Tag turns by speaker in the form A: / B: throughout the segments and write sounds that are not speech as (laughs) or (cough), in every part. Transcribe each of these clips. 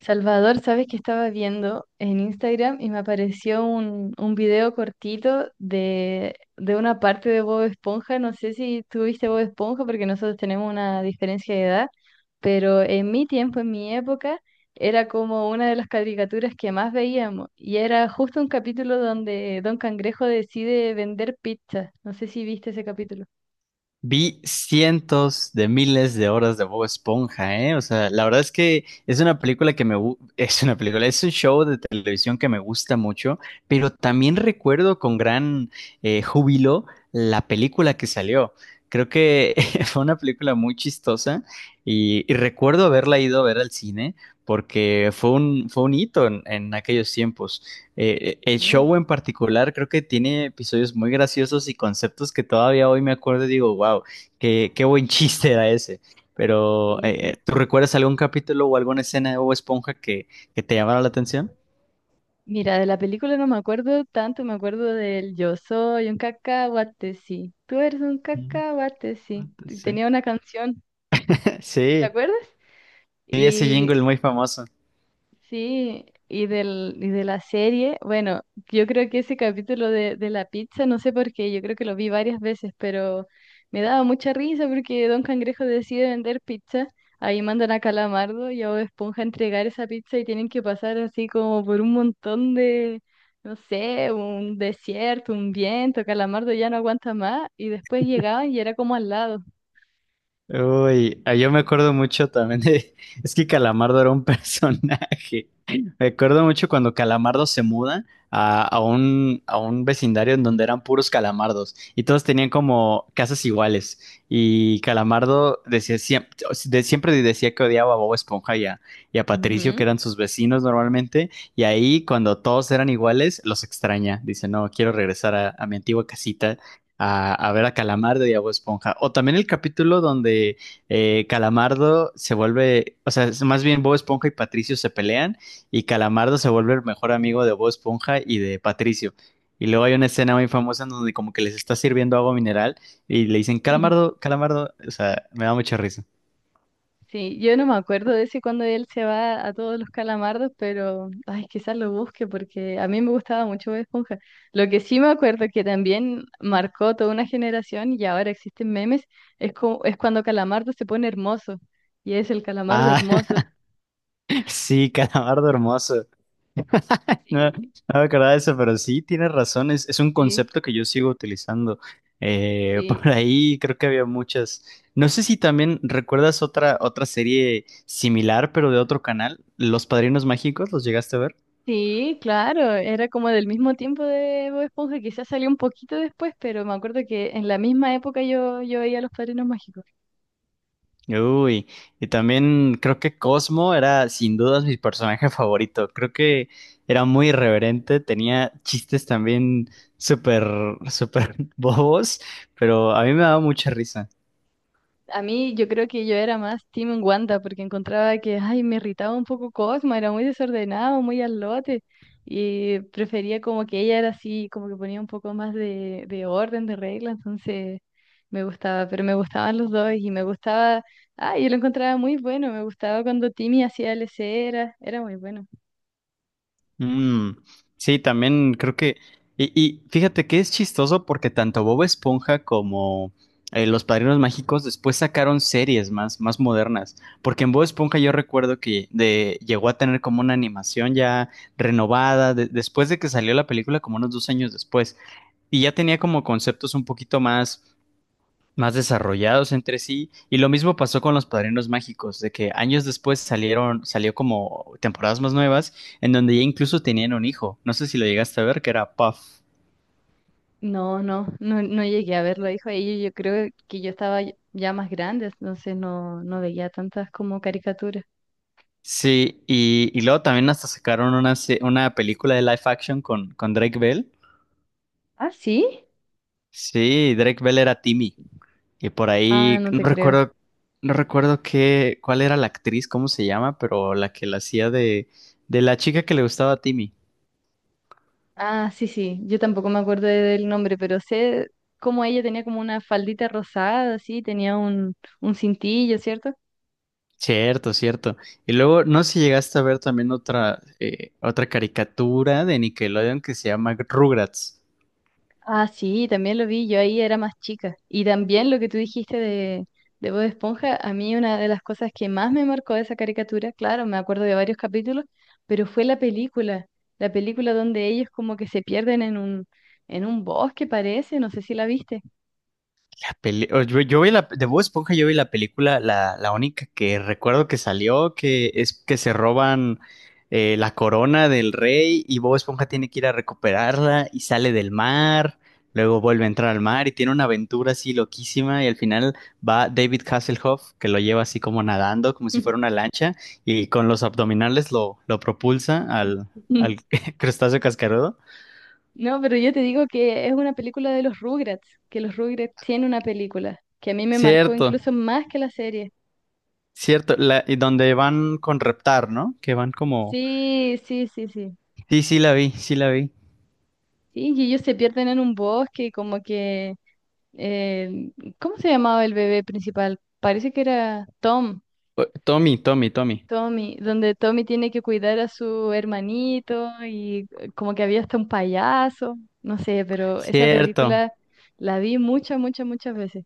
A: Salvador, sabes que estaba viendo en Instagram y me apareció un video cortito de una parte de Bob Esponja. No sé si tú viste Bob Esponja porque nosotros tenemos una diferencia de edad, pero en mi tiempo, en mi época, era como una de las caricaturas que más veíamos. Y era justo un capítulo donde Don Cangrejo decide vender pizza. No sé si viste ese capítulo.
B: Vi cientos de miles de horas de Bob Esponja, ¿eh? O sea, la verdad es que es una película que me... (laughs) Es una película, es un show de televisión que me gusta mucho, pero también recuerdo con gran júbilo la película que salió. Creo que (laughs) fue una película muy chistosa y recuerdo haberla ido a ver al cine porque fue un hito en aquellos tiempos. El
A: Sí,
B: show en particular creo que tiene episodios muy graciosos y conceptos que todavía hoy me acuerdo y digo, wow, qué buen (laughs) chiste era ese. Pero,
A: sí, sí.
B: ¿tú recuerdas algún capítulo o alguna escena de Bob Esponja que te llamara la atención?
A: Mira, de la película no me acuerdo tanto, me acuerdo del Yo soy un cacahuate, sí. Tú eres un
B: Mm,
A: cacahuate, sí.
B: sí.
A: Tenía una canción,
B: (laughs)
A: ¿te
B: Sí,
A: acuerdas?
B: sí, ese
A: Y
B: jingle muy famoso.
A: sí, y, del, y de la serie, bueno, yo creo que ese capítulo de la pizza, no sé por qué, yo creo que lo vi varias veces, pero me daba mucha risa porque Don Cangrejo decide vender pizza, ahí mandan a Calamardo y a Bob Esponja a entregar esa pizza y tienen que pasar así como por un montón de, no sé, un desierto, un viento, Calamardo ya no aguanta más y después llegaban y era como al lado.
B: Uy, ah, yo me acuerdo mucho también de... (laughs) Es que Calamardo era un personaje. (laughs) Me acuerdo mucho cuando Calamardo se muda a un vecindario en donde eran puros calamardos y todos tenían como casas iguales. Y Calamardo decía, siempre decía que odiaba a Bob Esponja y a Patricio, que eran
A: Ujú.
B: sus vecinos normalmente. Y ahí, cuando todos eran iguales, los extraña. Dice, no, quiero regresar a mi antigua casita a ver a Calamardo y a Bob Esponja. O también el capítulo donde o sea, es más bien Bob Esponja y Patricio se pelean y Calamardo se vuelve el mejor amigo de Bob Esponja y de Patricio. Y luego hay una escena muy famosa en donde como que les está sirviendo agua mineral y le dicen
A: (laughs)
B: Calamardo, Calamardo, o sea, me da mucha risa.
A: Sí, yo no me acuerdo de ese cuando él se va a todos los calamardos, pero ay, quizás lo busque porque a mí me gustaba mucho Bob Esponja. Lo que sí me acuerdo que también marcó toda una generación y ahora existen memes, es, cu- es cuando Calamardo se pone hermoso y es el Calamardo
B: Ah,
A: hermoso.
B: (laughs) sí, Calamardo hermoso. No, no
A: Sí,
B: me acordaba de eso, pero sí tienes razón, es un
A: sí,
B: concepto que yo sigo utilizando. (laughs) Por
A: sí.
B: ahí creo que había muchas. No sé si también recuerdas otra serie similar, pero de otro canal, Los Padrinos Mágicos, ¿los llegaste a ver?
A: Sí, claro, era como del mismo tiempo de Bob Esponja, quizás salió un poquito después, pero me acuerdo que en la misma época yo veía Los Padrinos Mágicos.
B: Uy, y también creo que Cosmo era sin dudas mi personaje (laughs) favorito. Creo que era muy irreverente, tenía chistes también súper, súper (laughs) bobos, pero a mí me daba mucha risa.
A: A mí yo creo que yo era más Team Wanda porque encontraba que, ay, me irritaba un poco Cosmo, era muy desordenado, muy al lote y prefería como que ella era así, como que ponía un poco más de orden, de regla, entonces me gustaba, pero me gustaban los dos y me gustaba, ay, yo lo encontraba muy bueno, me gustaba cuando Timmy hacía leceras, era muy bueno.
B: Mm, sí, también creo que. Y fíjate que es chistoso porque tanto Bob Esponja como Los Padrinos Mágicos después sacaron series más, más modernas. Porque en Bob Esponja yo recuerdo llegó a tener como una animación ya renovada después de que salió la película, como unos dos años después. Y ya tenía como conceptos un poquito más más desarrollados entre sí. Y lo mismo pasó con los Padrinos Mágicos, de que años después salió como temporadas más nuevas, en donde ya incluso tenían un hijo. No sé si lo llegaste a ver, que era Puff.
A: No, no, no, no llegué a verlo, dijo ella, yo creo que yo estaba ya más grande, entonces no, no veía tantas como caricaturas.
B: Sí, y luego también hasta sacaron una película de live action con Drake Bell.
A: Ah, sí.
B: Sí, Drake Bell era Timmy. Y por
A: Ah,
B: ahí,
A: no
B: no
A: te creo.
B: recuerdo, no recuerdo cuál era la actriz, cómo se llama, pero la que la hacía de la chica que le gustaba a Timmy.
A: Ah, sí, sí, yo tampoco me acuerdo de- del nombre, pero sé cómo ella tenía como una faldita rosada, así, tenía un cintillo, ¿cierto?
B: Cierto, cierto. Y luego, no sé si llegaste a ver también otra caricatura de Nickelodeon que se llama Rugrats.
A: Ah, sí, también lo vi, yo ahí era más chica. Y también lo que tú dijiste de Bob Esponja, a mí una de las cosas que más me marcó de esa caricatura, claro, me acuerdo de varios capítulos, pero fue la película donde ellos como que se pierden en un bosque, parece, no sé si la viste.
B: Yo vi la de Bob Esponja, yo vi la película, la única que recuerdo que salió, que es que se roban la corona del rey y Bob Esponja tiene que ir a recuperarla y sale del mar, luego vuelve a entrar al mar y tiene una aventura así loquísima y al final va David Hasselhoff que lo lleva así como nadando, como si fuera una lancha y con los abdominales lo propulsa
A: (laughs)
B: al (laughs) crustáceo cascarudo.
A: No, pero yo te digo que es una película de los Rugrats, que los Rugrats tienen una película, que a mí me marcó incluso
B: Cierto,
A: más que la serie.
B: cierto, y donde van con reptar, ¿no? Que van como
A: Sí, sí, sí, sí.
B: sí, sí la vi, sí la vi.
A: Sí, y ellos se pierden en un bosque, y como que, eh, ¿cómo se llamaba el bebé principal? Parece que era Tom,
B: Tommy, Tommy, Tommy.
A: Tommy, donde Tommy tiene que cuidar a su hermanito y como que había hasta un payaso, no sé, pero esa
B: Cierto.
A: película la vi muchas, muchas, muchas veces.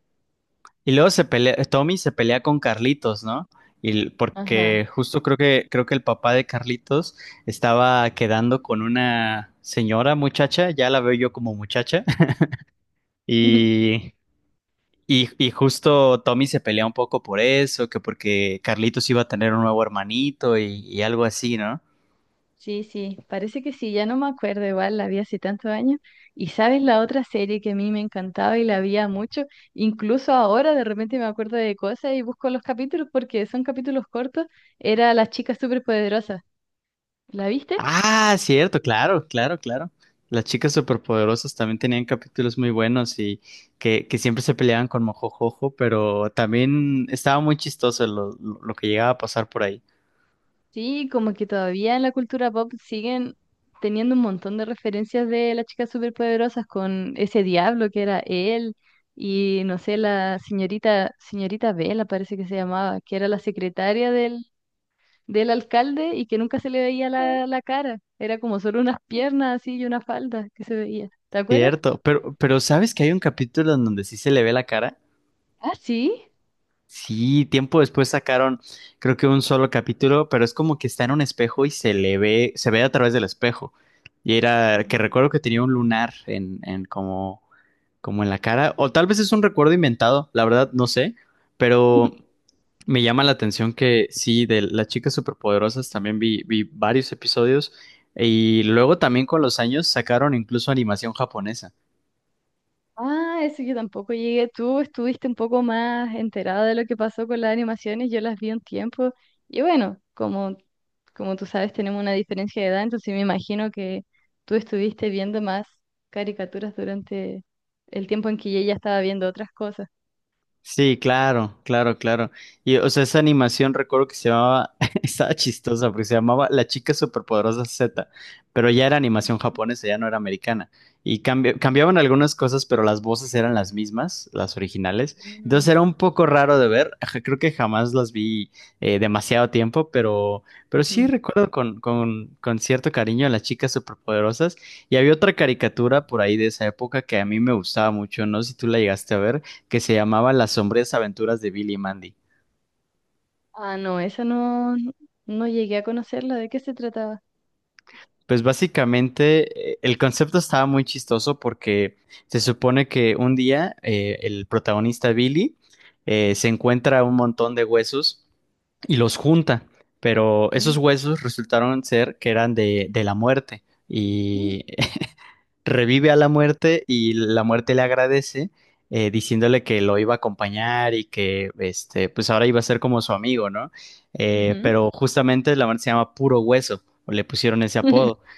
B: Y luego se pelea, Tommy se pelea con Carlitos, ¿no?
A: Ajá.
B: Porque justo creo que el papá de Carlitos estaba quedando con una señora muchacha, ya la veo yo como muchacha, (laughs)
A: (laughs)
B: y, y justo Tommy se pelea un poco por eso, que porque Carlitos iba a tener un nuevo hermanito y algo así, ¿no?
A: Sí, sí, parece que sí, ya no me acuerdo, igual la vi hace tantos años. Y sabes, la otra serie que a mí me encantaba y la veía mucho, incluso ahora de repente me acuerdo de cosas y busco los capítulos porque son capítulos cortos, era Las chicas superpoderosas. ¿La viste?
B: Ah, cierto, claro, claro, claro. Las chicas superpoderosas también tenían capítulos muy buenos y que siempre se peleaban con Mojojojo, pero también estaba muy chistoso lo que llegaba a pasar por ahí.
A: Sí, como que todavía en la cultura pop siguen teniendo un montón de referencias de las chicas superpoderosas con ese diablo que era él y no sé, la señorita, señorita Bella parece que se llamaba, que era la secretaria del. Del alcalde y que nunca se le veía la, la cara. Era como solo unas piernas así y una falda que se veía. ¿Te acuerdas?
B: Cierto, pero ¿sabes que hay un capítulo en donde sí se le ve la cara?
A: Ah, sí.
B: Sí, tiempo después sacaron, creo que un solo capítulo, pero es como que está en un espejo y se le ve, se ve a través del espejo. Y era que recuerdo
A: Mm.
B: que tenía un lunar en como como en la cara, o tal vez es un recuerdo inventado, la verdad no sé, pero
A: (laughs)
B: me llama la atención que sí, de las chicas superpoderosas también vi, vi varios episodios y luego también con los años sacaron incluso animación japonesa.
A: Ah, eso yo tampoco llegué. Tú estuviste un poco más enterada de lo que pasó con las animaciones. Yo las vi un tiempo. Y bueno, como, como tú sabes, tenemos una diferencia de edad, entonces me imagino que tú estuviste viendo más caricaturas durante el tiempo en que yo ya estaba viendo otras cosas.
B: Sí, claro, claro, claro. Y o sea, esa animación recuerdo que se llamaba, (laughs) estaba chistosa porque se llamaba La chica superpoderosa Z, pero ya era animación japonesa, ya no era americana. Y cambiaban algunas cosas, pero las voces eran las mismas, las originales. Entonces
A: Mm,
B: era un poco raro de ver. (laughs) Creo que jamás las vi demasiado tiempo, pero sí
A: ujú.
B: recuerdo con cierto cariño a las chicas superpoderosas. Y había otra caricatura por ahí de esa época que a mí me gustaba mucho, no sé si tú la llegaste a ver que se llamaba Las sombrías aventuras de Billy y Mandy.
A: Ah, no, esa no, no llegué a conocerla. ¿De qué se trataba?
B: Pues básicamente el concepto estaba muy chistoso porque se supone que un día el protagonista Billy se encuentra un montón de huesos y los junta, pero esos huesos resultaron ser que eran de la muerte.
A: Ujú.
B: Y revive a la muerte y la muerte le agradece diciéndole que lo iba a acompañar y que este, pues ahora iba a ser como su amigo, ¿no?
A: Ujú.
B: Pero justamente la muerte se llama Puro Hueso, o le pusieron ese apodo.
A: (laughs)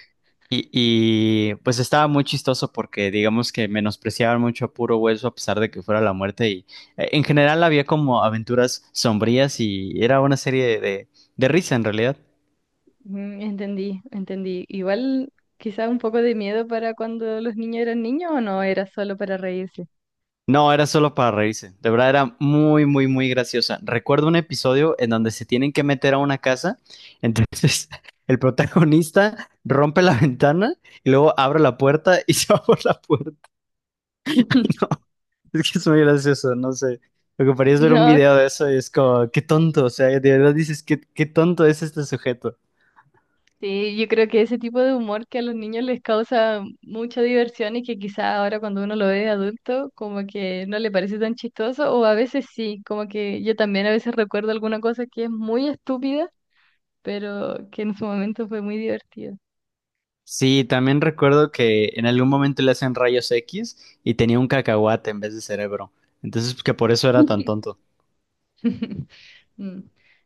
B: Pues estaba muy chistoso porque digamos que menospreciaban mucho a Puro Hueso a pesar de que fuera la muerte y en general había como aventuras sombrías y era una serie de risa en realidad.
A: Mm, entendí, entendí. Igual quizá un poco de miedo para cuando los niños eran niños o no, era solo para reírse.
B: No, era solo para reírse. De verdad era muy, muy, muy graciosa. Recuerdo un episodio en donde se tienen que meter a una casa. Entonces, (laughs) el protagonista rompe la ventana y luego abre la puerta y (laughs) se va por la puerta. (laughs) Ay,
A: (laughs)
B: no, es que es muy gracioso, no sé. Lo que parece es ver un
A: No,
B: video de eso y es como, qué tonto. O sea, de verdad dices, qué tonto es este sujeto.
A: sí, yo creo que ese tipo de humor que a los niños les causa mucha diversión y que quizá ahora cuando uno lo ve de adulto como que no le parece tan chistoso o a veces sí, como que yo también a veces recuerdo alguna cosa que es muy estúpida pero que en su momento fue muy divertido.
B: Sí, también recuerdo que en algún momento le hacen rayos X y tenía un cacahuate en vez de cerebro. Entonces, que por eso era tan tonto.
A: (laughs) Mm.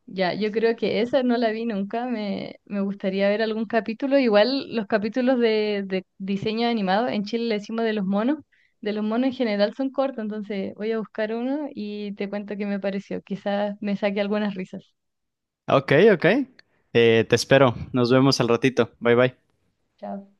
A: Ya, yo creo que esa no la vi nunca, me gustaría ver algún capítulo, igual los capítulos de diseño animado, en Chile le decimos de los monos en general son cortos, entonces voy a buscar uno y te cuento qué me pareció, quizás me saque algunas risas.
B: Ok, ok. Te espero. Nos vemos al ratito. Bye bye.
A: Chao.